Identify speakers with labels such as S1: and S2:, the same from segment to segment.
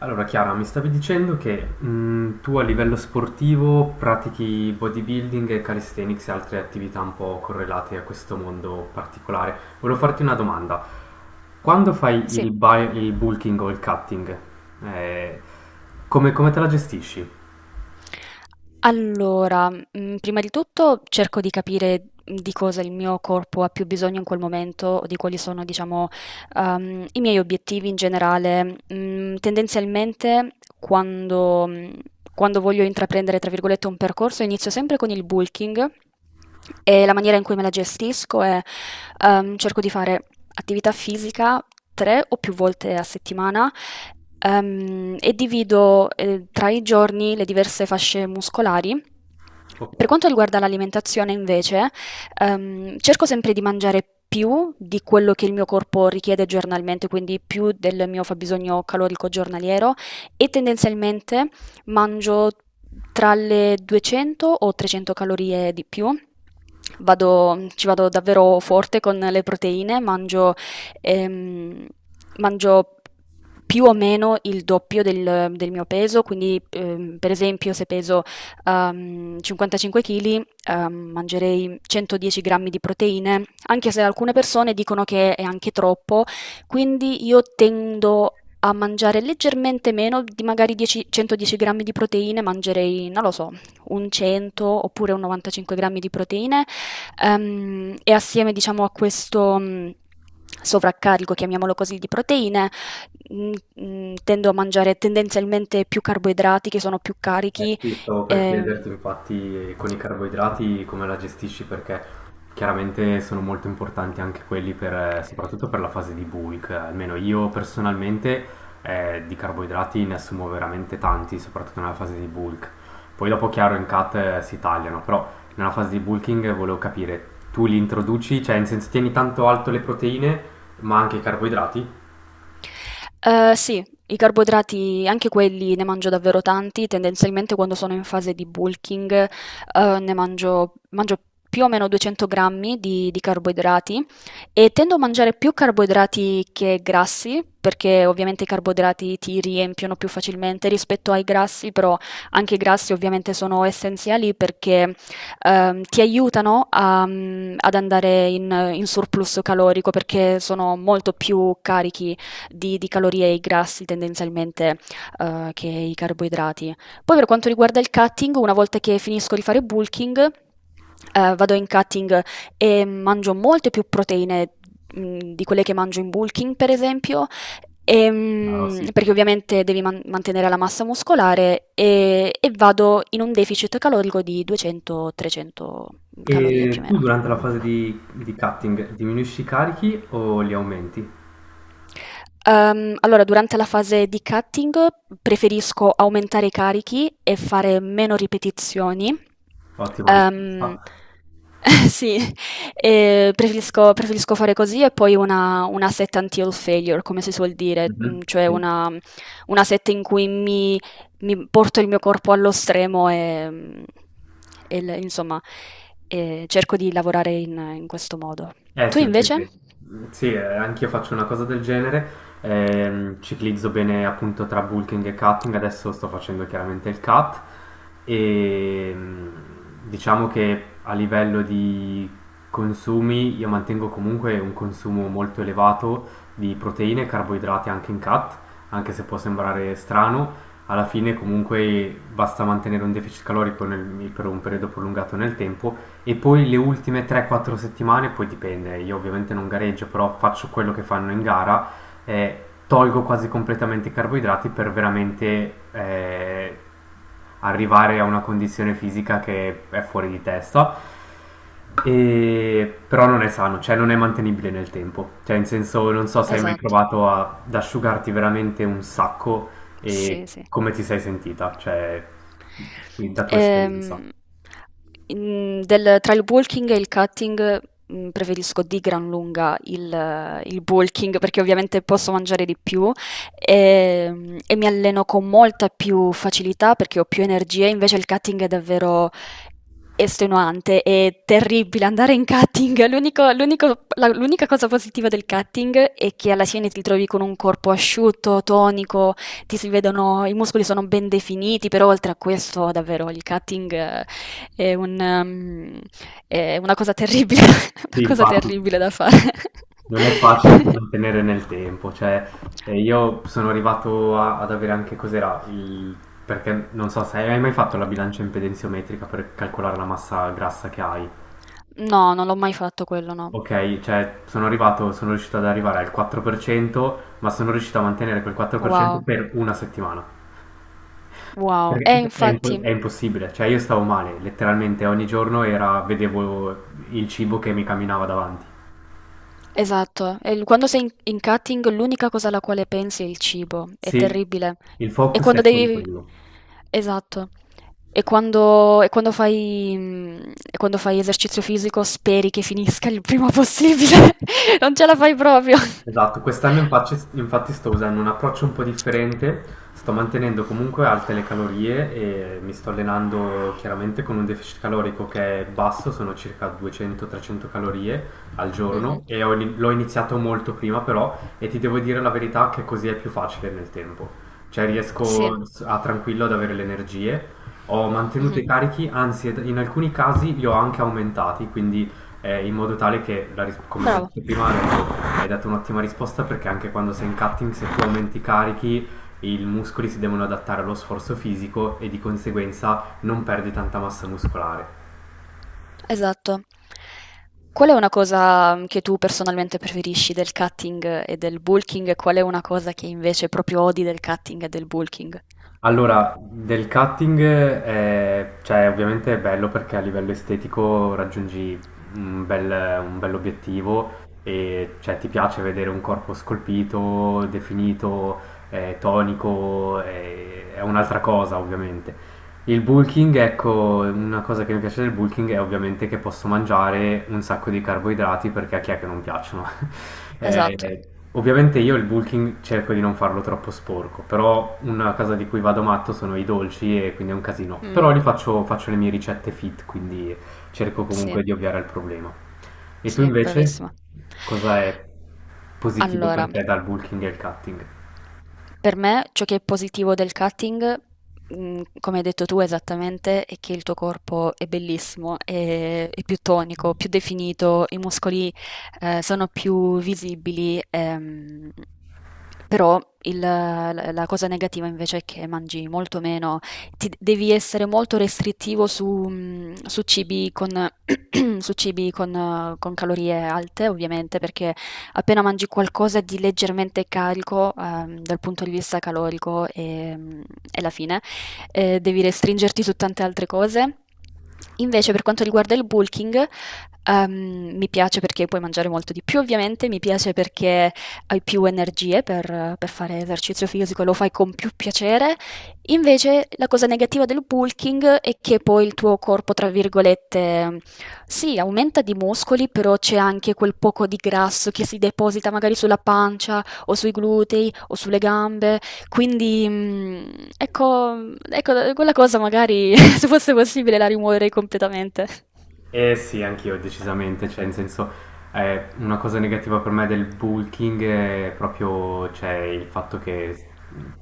S1: Allora Chiara, mi stavi dicendo che tu a livello sportivo pratichi bodybuilding e calisthenics e altre attività un po' correlate a questo mondo particolare. Volevo farti una domanda. Quando fai
S2: Sì,
S1: il, il bulking o il cutting, eh, come, come te la gestisci?
S2: allora, prima di tutto cerco di capire di cosa il mio corpo ha più bisogno in quel momento, o di quali sono, diciamo, i miei obiettivi in generale. Mhmm, tendenzialmente quando mhmm, quando voglio intraprendere, tra virgolette, "un percorso", inizio sempre con il bulking, e la maniera in cui me la gestisco è: cerco di fare attività fisica 3 o più volte a settimana. E divido, tra i giorni le diverse fasce muscolari. Per
S1: Ok.
S2: quanto riguarda l'alimentazione invece, cerco sempre di mangiare più di quello che il mio corpo richiede giornalmente, quindi più del mio fabbisogno calorico giornaliero, e tendenzialmente mangio tra le 200 o 300 calorie di più. Ci vado davvero forte con le proteine. Mangio, ehm, mangio più o meno il doppio del mio peso. Quindi per esempio, se peso 55 kg, mangerei 110 grammi di proteine, anche se alcune persone dicono che è anche troppo, quindi io tendo a mangiare leggermente meno. Di magari 10 110 grammi di proteine, mangerei, non lo so, un 100 oppure un 95 grammi di proteine, e assieme, diciamo, a questo sovraccarico, chiamiamolo così, di proteine, tendo a mangiare tendenzialmente più carboidrati che sono più
S1: Eh
S2: carichi.
S1: sì, stavo per
S2: ehm,
S1: chiederti infatti con i carboidrati come la gestisci perché chiaramente sono molto importanti anche quelli per, soprattutto per la fase di bulk. Almeno io personalmente di carboidrati ne assumo veramente tanti, soprattutto nella fase di bulk. Poi dopo chiaro in cut si tagliano, però nella fase di bulking volevo capire, tu li introduci, cioè in senso tieni tanto alto le proteine ma anche i carboidrati?
S2: Sì, i carboidrati anche quelli ne mangio davvero tanti, tendenzialmente quando sono in fase di bulking. Ne mangio più o meno 200 grammi di carboidrati, e tendo a mangiare più carboidrati che grassi, perché ovviamente i carboidrati ti riempiono più facilmente rispetto ai grassi. Però anche i grassi ovviamente sono essenziali, perché ti aiutano a ad andare in surplus calorico, perché sono molto più carichi di calorie, e i grassi tendenzialmente che i carboidrati. Poi per quanto riguarda il cutting, una volta che finisco di fare bulking, vado in cutting e mangio molte più proteine di quelle che mangio in bulking, per esempio,
S1: Chiaro, sì.
S2: Perché ovviamente devi mantenere la massa muscolare, e vado in un deficit calorico di 200-300 calorie più
S1: E
S2: o
S1: tu
S2: meno.
S1: durante la fase di cutting diminuisci i carichi o li aumenti?
S2: Allora, durante la fase di cutting preferisco aumentare i carichi e fare meno ripetizioni.
S1: Ottima
S2: Ehm,
S1: risposta.
S2: sì, e preferisco fare così, e poi una set until failure, come si suol dire,
S1: Mhm,
S2: cioè
S1: sì.
S2: una set in cui mi porto il mio corpo allo stremo, e insomma, e cerco di lavorare in questo modo. Tu
S1: Si vede
S2: invece?
S1: che sì, anch'io faccio una cosa del genere. Ehm, ciclizzo bene appunto tra bulking e cutting. Adesso sto facendo chiaramente il cut. E diciamo che a livello di consumi, io mantengo comunque un consumo molto elevato di proteine e carboidrati anche in cut, anche se può sembrare strano. Alla fine, comunque, basta mantenere un deficit calorico per un periodo prolungato nel tempo, e poi le ultime 3-4 settimane, poi dipende, io ovviamente non gareggio, però faccio quello che fanno in gara, tolgo quasi completamente i carboidrati per veramente arrivare a una condizione fisica che è fuori di testa. Però non è sano, cioè non è mantenibile nel tempo. Cioè, in senso, non so se hai mai
S2: Esatto,
S1: provato ad asciugarti veramente un sacco
S2: sì,
S1: e
S2: sì.
S1: come ti sei sentita, cioè, da tua esperienza.
S2: Ehm, in del Tra il walking e il cutting, preferisco di gran lunga il walking, perché ovviamente posso mangiare di più, e mi alleno con molta più facilità perché ho più energie. Invece il cutting è davvero estenuante, è terribile andare in cutting. L'unica cosa positiva del cutting è che alla fine ti ritrovi con un corpo asciutto, tonico, ti si vedono i muscoli, sono ben definiti. Però oltre a questo, davvero, il cutting è un mhmm, è una cosa terribile, una
S1: Sì,
S2: cosa
S1: infatti
S2: terribile da fare.
S1: non è facile da mantenere nel tempo, cioè io sono arrivato ad avere anche cos'era il... Perché non so se hai mai fatto la bilancia impedenziometrica per calcolare la massa grassa che hai.
S2: No, non l'ho mai fatto quello, no.
S1: Ok, cioè sono arrivato, sono riuscito ad arrivare al 4%, ma sono riuscito a mantenere quel 4% per cento
S2: Wow,
S1: per una settimana.
S2: wow. Eh,
S1: Perché è,
S2: infatti.
S1: è impossibile, cioè io stavo male, letteralmente ogni giorno era, vedevo il cibo che mi camminava davanti.
S2: Esatto, e quando sei in cutting l'unica cosa alla quale pensi è il cibo, è
S1: Sì,
S2: terribile.
S1: il
S2: E
S1: focus
S2: quando
S1: è solo
S2: devi...
S1: quello.
S2: Esatto. E quando fai esercizio fisico, speri che finisca il prima possibile. Non ce la
S1: Sì.
S2: fai proprio.
S1: Esatto, quest'anno infatti, infatti sto usando un approccio un po' differente, sto mantenendo comunque alte le calorie e mi sto allenando chiaramente con un deficit calorico che è basso, sono circa 200-300 calorie al
S2: Mhm.
S1: giorno e ho l'ho iniziato molto prima però, e ti devo dire la verità che così è più facile nel tempo, cioè
S2: Sì.
S1: riesco a tranquillo ad avere le energie, ho mantenuto
S2: Mhm.
S1: i carichi, anzi in alcuni casi li ho anche aumentati, quindi in modo tale che, la come ti ho
S2: Bravo.
S1: detto prima, adesso hai dato un'ottima risposta perché anche quando sei in cutting, se tu aumenti i carichi, i muscoli si devono adattare allo sforzo fisico e di conseguenza non perdi tanta massa muscolare.
S2: Esatto. Qual è una cosa che tu personalmente preferisci del cutting e del bulking, e qual è una cosa che invece proprio odi del cutting e del bulking?
S1: Allora, del cutting, cioè, ovviamente è bello perché a livello estetico raggiungi un bel, un bell'obiettivo e cioè, ti piace vedere un corpo scolpito, definito, tonico, è un'altra cosa ovviamente. Il bulking, ecco, una cosa che mi piace del bulking è ovviamente che posso mangiare un sacco di carboidrati perché a chi è che non piacciono.
S2: Esatto.
S1: Eh, ovviamente io il bulking cerco di non farlo troppo sporco, però una cosa di cui vado matto sono i dolci e quindi è un casino. Però
S2: Mh,
S1: li faccio, faccio le mie ricette fit, quindi cerco
S2: sì,
S1: comunque di ovviare al problema. E tu
S2: sì,
S1: invece,
S2: bravissima.
S1: cosa è positivo per
S2: Allora,
S1: te dal bulking e il cutting?
S2: per me ciò che è positivo del cutting, come hai detto tu esattamente, è che il tuo corpo è bellissimo, è più tonico, più definito, i muscoli sono più visibili. Però il la la cosa negativa invece è che mangi molto meno, ti devi essere molto restrittivo su cibi con su cibi con calorie alte ovviamente, perché appena mangi qualcosa di leggermente carico, dal punto di vista calorico, è la fine. Devi restringerti su tante altre cose. Invece, per quanto riguarda il bulking, mi piace perché puoi mangiare molto di più, ovviamente. Mi piace perché hai più energie per fare esercizio fisico e lo fai con più piacere. Invece la cosa negativa del bulking è che poi il tuo corpo, tra virgolette, sì, aumenta di muscoli, però c'è anche quel poco di grasso che si deposita magari sulla pancia o sui glutei o sulle gambe. Quindi, ecco, ecco, quella cosa magari, se fosse possibile, la rimuoverei completamente.
S1: Eh sì, anch'io decisamente, cioè in senso una cosa negativa per me del bulking è proprio cioè, il fatto che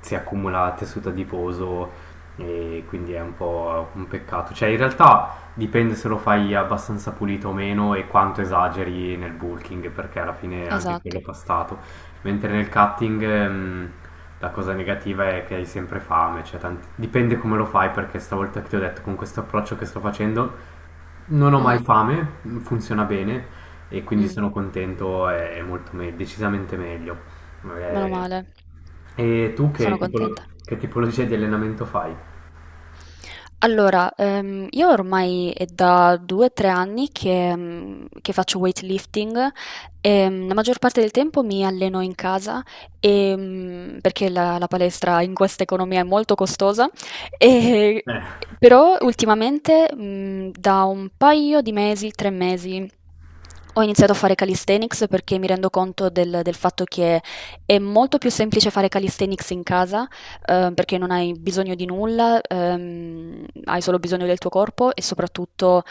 S1: si accumula tessuto adiposo e quindi è un po' un peccato. Cioè in realtà dipende se lo fai abbastanza pulito o meno e quanto esageri nel bulking perché alla fine anche quello
S2: Esatto.
S1: fa stato. Mentre nel cutting la cosa negativa è che hai sempre fame, cioè dipende come lo fai perché stavolta che ti ho detto con questo approccio che sto facendo non ho mai
S2: Mhm.
S1: fame, funziona bene e quindi
S2: Mm.
S1: sono contento, è molto decisamente meglio.
S2: Meno
S1: Eh,
S2: male.
S1: e tu
S2: Sono
S1: che
S2: contenta.
S1: che tipologia di allenamento fai?
S2: Allora, io ormai è da 2-3 anni che faccio weightlifting, e la maggior parte del tempo mi alleno in casa, e perché la palestra in questa economia è molto costosa. e-
S1: Eh,
S2: Però ultimamente, da un paio di mesi, 3 mesi, ho iniziato a fare calisthenics, perché mi rendo conto del fatto che è molto più semplice fare calisthenics in casa, perché non hai bisogno di nulla, hai solo bisogno del tuo corpo, e soprattutto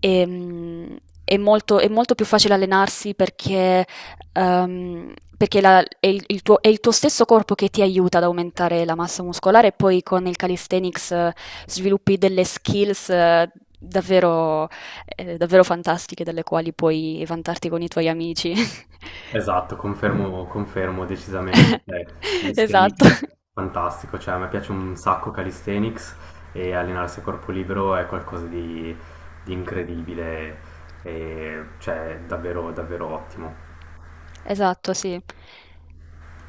S2: ehm, è molto più facile allenarsi perché è il tuo stesso corpo che ti aiuta ad aumentare la massa muscolare. E poi con il calisthenics sviluppi delle skills davvero, davvero fantastiche, delle quali puoi vantarti con i tuoi amici.
S1: esatto, confermo, confermo decisamente. Cioè,
S2: Esatto.
S1: calisthenics è fantastico, cioè, a me piace un sacco calisthenics, e allenarsi a corpo libero è qualcosa di incredibile, e, cioè davvero, davvero ottimo.
S2: Esatto, sì.